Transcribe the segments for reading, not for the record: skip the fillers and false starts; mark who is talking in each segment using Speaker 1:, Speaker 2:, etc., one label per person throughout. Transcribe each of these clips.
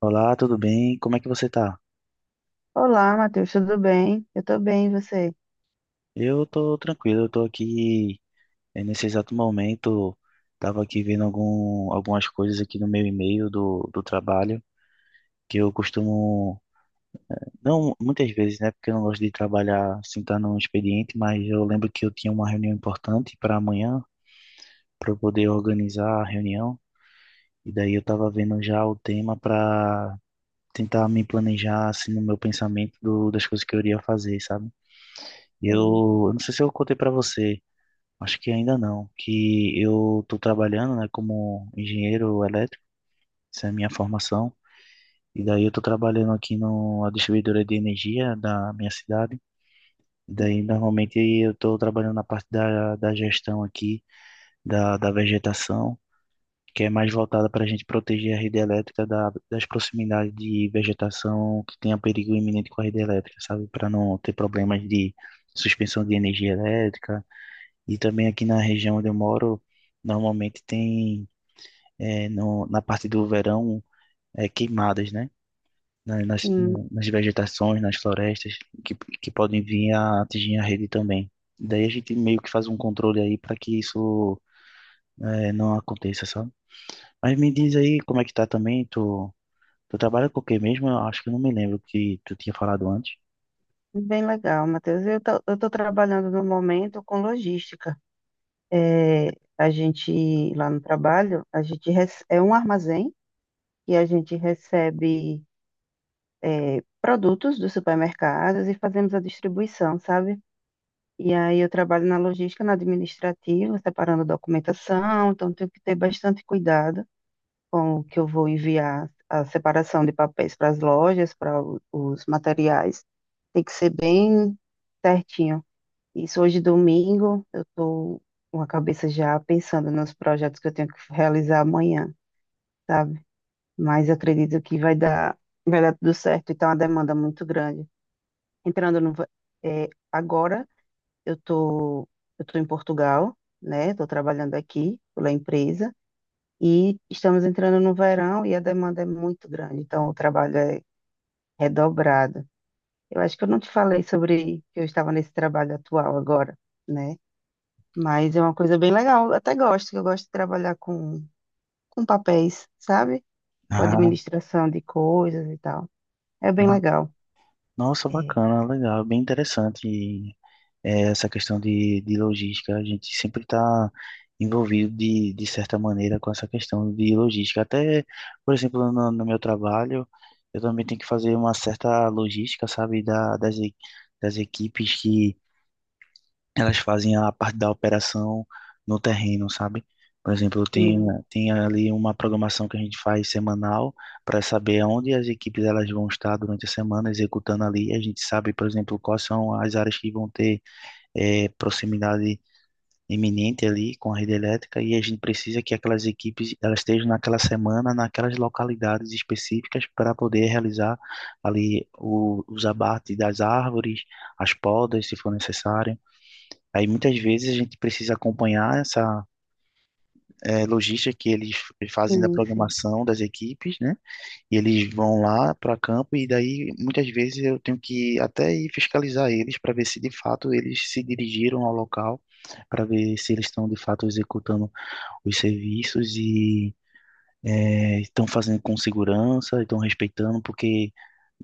Speaker 1: Olá, tudo bem? Como é que você tá?
Speaker 2: Olá, Matheus, tudo bem? Eu tô bem, e você?
Speaker 1: Eu tô tranquilo, eu tô aqui nesse exato momento, tava aqui vendo algumas coisas aqui no meu e-mail do trabalho, que eu costumo, não muitas vezes, né, porque eu não gosto de trabalhar sem estar no expediente, mas eu lembro que eu tinha uma reunião importante para amanhã, para eu poder organizar a reunião, e daí eu tava vendo já o tema para tentar me planejar, assim, no meu pensamento das coisas que eu iria fazer, sabe? Eu,
Speaker 2: Sim,
Speaker 1: eu não sei se eu contei para você. Acho que ainda não, que eu estou trabalhando, né, como engenheiro elétrico, essa é a minha formação, e daí eu estou trabalhando aqui numa distribuidora de energia da minha cidade, e daí normalmente eu estou trabalhando na parte da gestão aqui, da vegetação, que é mais voltada para a gente proteger a rede elétrica das proximidades de vegetação que tenha perigo iminente com a rede elétrica, sabe, para não ter problemas de suspensão de energia elétrica. E também aqui na região onde eu moro, normalmente tem, é, no, na parte do verão, é, queimadas, né? Na- Nas,
Speaker 2: sim,
Speaker 1: no- nas vegetações, nas florestas, que, que podem vir a atingir a rede também. Daí a gente meio que faz um controle aí para que isso, é, não aconteça, sabe? Mas me diz aí como é que tá também, tu trabalha com o quê mesmo? Eu acho que eu não me lembro que tu tinha falado antes.
Speaker 2: bem legal, Matheus. Eu tô trabalhando no momento com logística. É, a gente, lá no trabalho, é um armazém e a gente recebe produtos dos supermercados e fazemos a distribuição, sabe? E aí eu trabalho na logística, na administrativa, separando documentação, então tenho que ter bastante cuidado com que eu vou enviar a separação de papéis para as lojas, os materiais. Tem que ser bem certinho. Isso hoje, domingo, eu estou com a cabeça já pensando nos projetos que eu tenho que realizar amanhã, sabe? Mas acredito que vai dar tudo certo. Então, a demanda é muito grande. Entrando no, va- eh, agora, eu estou eu tô em Portugal, né? Estou trabalhando aqui pela empresa. E estamos entrando no verão e a demanda é muito grande, então o trabalho é redobrado. Eu acho que eu não te falei sobre que eu estava nesse trabalho atual agora, né? Mas é uma coisa bem legal, eu até gosto, que eu gosto de trabalhar com papéis, sabe? Com administração de coisas e tal. É
Speaker 1: Ah,
Speaker 2: bem
Speaker 1: ah,
Speaker 2: legal.
Speaker 1: nossa,
Speaker 2: É,
Speaker 1: bacana, legal, bem interessante e, é, essa questão de logística. A gente sempre está envolvido de certa maneira com essa questão de logística. Até, por exemplo, no meu trabalho, eu também tenho que fazer uma certa logística, sabe, das equipes que elas fazem a parte da operação no terreno, sabe? Por exemplo,
Speaker 2: sim,
Speaker 1: tem ali uma programação que a gente faz semanal para saber onde as equipes elas vão estar durante a semana executando ali. A gente sabe, por exemplo, quais são as áreas que vão ter proximidade iminente ali com a rede elétrica e a gente precisa que aquelas equipes elas estejam naquela semana, naquelas localidades específicas para poder realizar ali os abates das árvores, as podas, se for necessário. Aí muitas vezes a gente precisa acompanhar essa logística que eles fazem da
Speaker 2: sim, sim,
Speaker 1: programação das equipes, né? E eles vão lá para campo e daí muitas vezes eu tenho que até ir fiscalizar eles para ver se de fato eles se dirigiram ao local, para ver se eles estão de fato executando os serviços e estão fazendo com segurança, estão respeitando, porque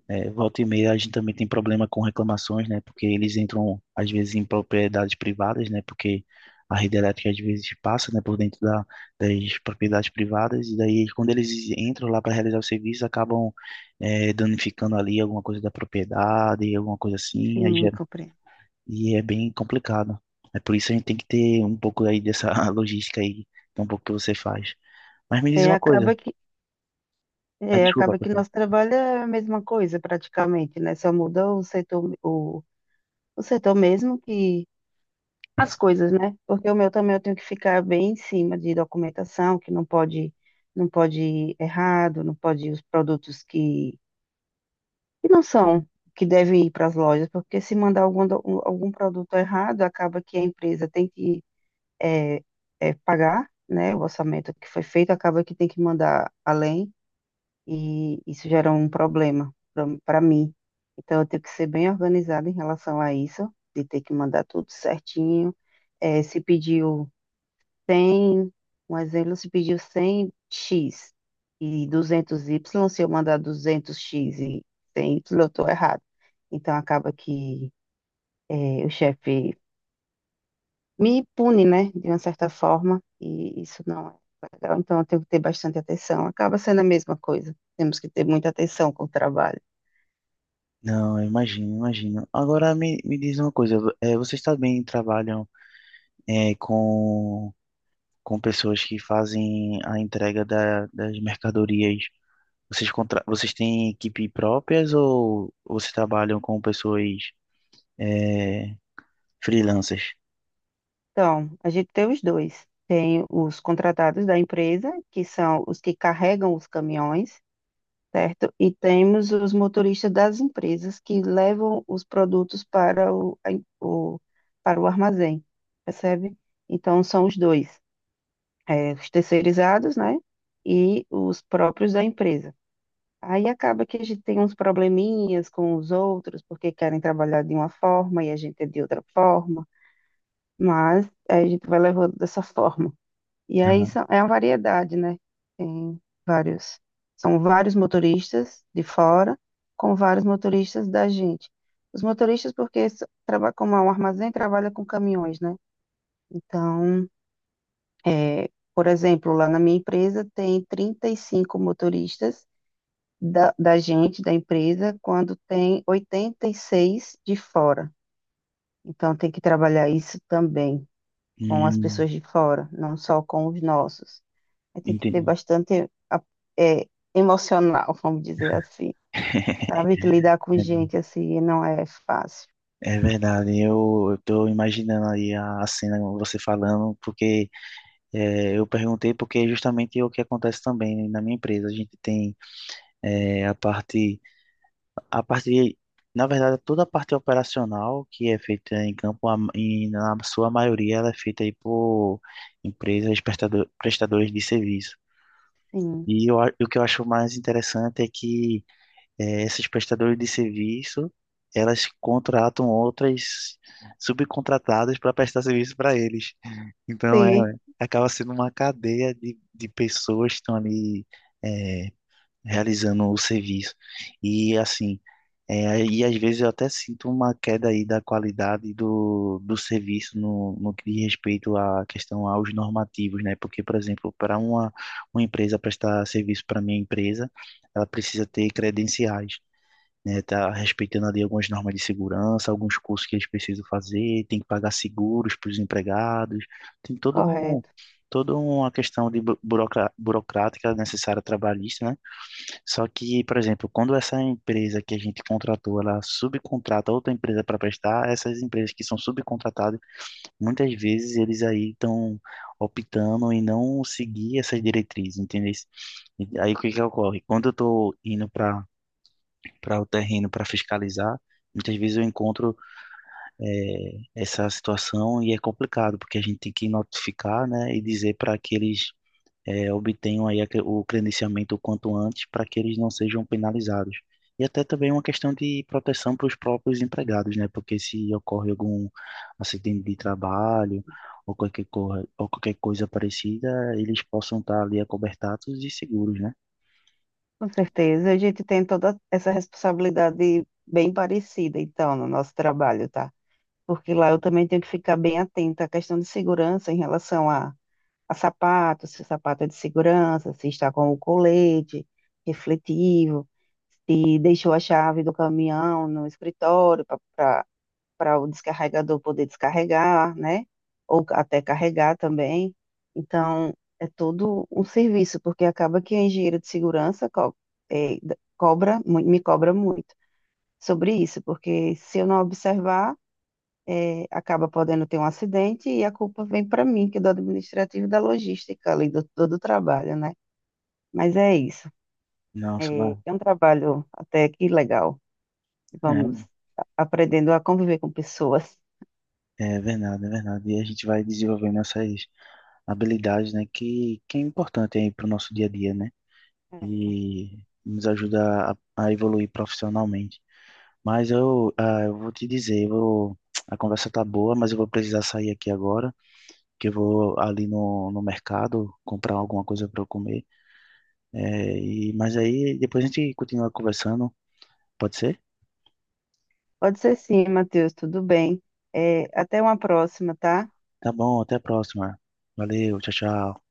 Speaker 1: é, volta e meia a gente também tem problema com reclamações, né? Porque eles entram às vezes em propriedades privadas, né? Porque a rede elétrica às vezes passa, né, por dentro das propriedades privadas e daí quando eles entram lá para realizar o serviço acabam é, danificando ali alguma coisa da propriedade, alguma coisa assim, aí
Speaker 2: sim, compreendo.
Speaker 1: e é bem complicado. É por isso a gente tem que ter um pouco aí dessa logística aí, que é um pouco que você faz. Mas me diz
Speaker 2: É,
Speaker 1: uma coisa,
Speaker 2: acaba que,
Speaker 1: ah,
Speaker 2: é,
Speaker 1: desculpa.
Speaker 2: acaba que nosso trabalho é a mesma coisa praticamente, né? Só muda o setor mesmo que as coisas, né? Porque o meu também eu tenho que ficar bem em cima de documentação, que não pode, não pode ir errado, não pode ir os produtos que não são, que devem ir para as lojas, porque se mandar algum produto errado, acaba que a empresa tem que é, pagar, né? O orçamento que foi feito, acaba que tem que mandar além, e isso gera um problema para mim. Então, eu tenho que ser bem organizada em relação a isso, de ter que mandar tudo certinho. Se pediu 100, um exemplo, se pediu 100x e 200y, se eu mandar 200x e 100y, eu estou errado. Então, acaba que o chefe me pune, né, de uma certa forma, e isso não é legal. Então, eu tenho que ter bastante atenção. Acaba sendo a mesma coisa. Temos que ter muita atenção com o trabalho.
Speaker 1: Não, eu imagino, imagino. Agora me diz uma coisa, vocês também trabalham eh, com, com pessoas que fazem a entrega das mercadorias? Vocês, vocês têm equipe próprias ou vocês trabalham com pessoas eh, freelancers?
Speaker 2: Então, a gente tem os dois. Tem os contratados da empresa, que são os que carregam os caminhões, certo? E temos os motoristas das empresas que levam os produtos o- para o armazém, percebe? Então, são os dois, os terceirizados, né? E os próprios da empresa. Aí acaba que a gente tem uns probleminhas com os outros, porque querem trabalhar de uma forma e a gente é de outra forma, mas a gente vai levando dessa forma. E aí
Speaker 1: Aham.
Speaker 2: é uma variedade, né? Tem vários, são vários motoristas de fora com vários motoristas da gente. Os motoristas, porque como é um armazém, trabalha com caminhões, né? Então, é, por exemplo, lá na minha empresa tem 35 motoristas da gente, da empresa, quando tem 86 de fora. Então, tem que trabalhar isso também com as
Speaker 1: Hum,
Speaker 2: pessoas de fora, não só com os nossos. Aí tem que ter
Speaker 1: entendi.
Speaker 2: bastante é, emocional, vamos dizer assim. Sabe que lidar com gente assim não é fácil.
Speaker 1: É verdade, eu estou imaginando aí a cena, você falando, porque eu perguntei porque justamente é o que acontece também né, na minha empresa. A gente tem é, a parte, na verdade, toda a parte operacional que é feita em campo, na sua maioria, ela é feita aí por empresas prestadores de serviço.
Speaker 2: Sim,
Speaker 1: E o que eu acho mais interessante é que esses prestadores de serviço, elas contratam outras subcontratadas para prestar serviço para eles. Então,
Speaker 2: sim,
Speaker 1: é, acaba sendo uma cadeia de pessoas que estão ali é, realizando o serviço. E assim, é, e às vezes eu até sinto uma queda aí da qualidade do serviço no que diz respeito à questão aos normativos, né? Porque, por exemplo, para uma empresa prestar serviço para minha empresa, ela precisa ter credenciais, né? Tá respeitando ali algumas normas de segurança, alguns cursos que eles precisam fazer, tem que pagar seguros para os empregados, tem
Speaker 2: correto.
Speaker 1: toda uma questão de burocrática necessária trabalhista, né? Só que, por exemplo, quando essa empresa que a gente contratou, ela subcontrata outra empresa para prestar, essas empresas que são subcontratadas, muitas vezes eles aí estão optando em não seguir essas diretrizes, entendeu? E aí o que que ocorre? Quando eu estou indo para o terreno para fiscalizar, muitas vezes eu encontro essa situação e é complicado, porque a gente tem que notificar, né, e dizer para que eles obtenham aí o credenciamento o quanto antes para que eles não sejam penalizados. E até também uma questão de proteção para os próprios empregados, né? Porque se ocorre algum acidente de trabalho ou ou qualquer coisa parecida, eles possam estar ali acobertados e seguros, né?
Speaker 2: Com certeza. A gente tem toda essa responsabilidade bem parecida, então, no nosso trabalho, tá? Porque lá eu também tenho que ficar bem atenta à questão de segurança em relação a sapato, se o sapato é de segurança, se está com o colete refletivo, se deixou a chave do caminhão no escritório para para o descarregador poder descarregar, né? Ou até carregar também. Então, é todo um serviço, porque acaba que a engenheira de segurança me cobra muito sobre isso, porque se eu não observar, acaba podendo ter um acidente e a culpa vem para mim, que é do administrativo e da logística ali, do trabalho, né? Mas é isso.
Speaker 1: Nossa, vai.
Speaker 2: É um trabalho até que legal.
Speaker 1: É.
Speaker 2: Vamos aprendendo a conviver com pessoas.
Speaker 1: É verdade, é verdade. E a gente vai desenvolvendo essas habilidades, né, que é importante aí para o nosso dia a dia, né? E nos ajuda a evoluir profissionalmente. Mas eu, ah, eu vou te dizer, eu vou, a conversa tá boa, mas eu vou precisar sair aqui agora, que eu vou ali no mercado comprar alguma coisa para eu comer. É, e, mas aí depois a gente continua conversando, pode ser?
Speaker 2: Pode ser sim, Matheus, tudo bem. É, até uma próxima, tá?
Speaker 1: Tá bom, até a próxima. Valeu, tchau, tchau.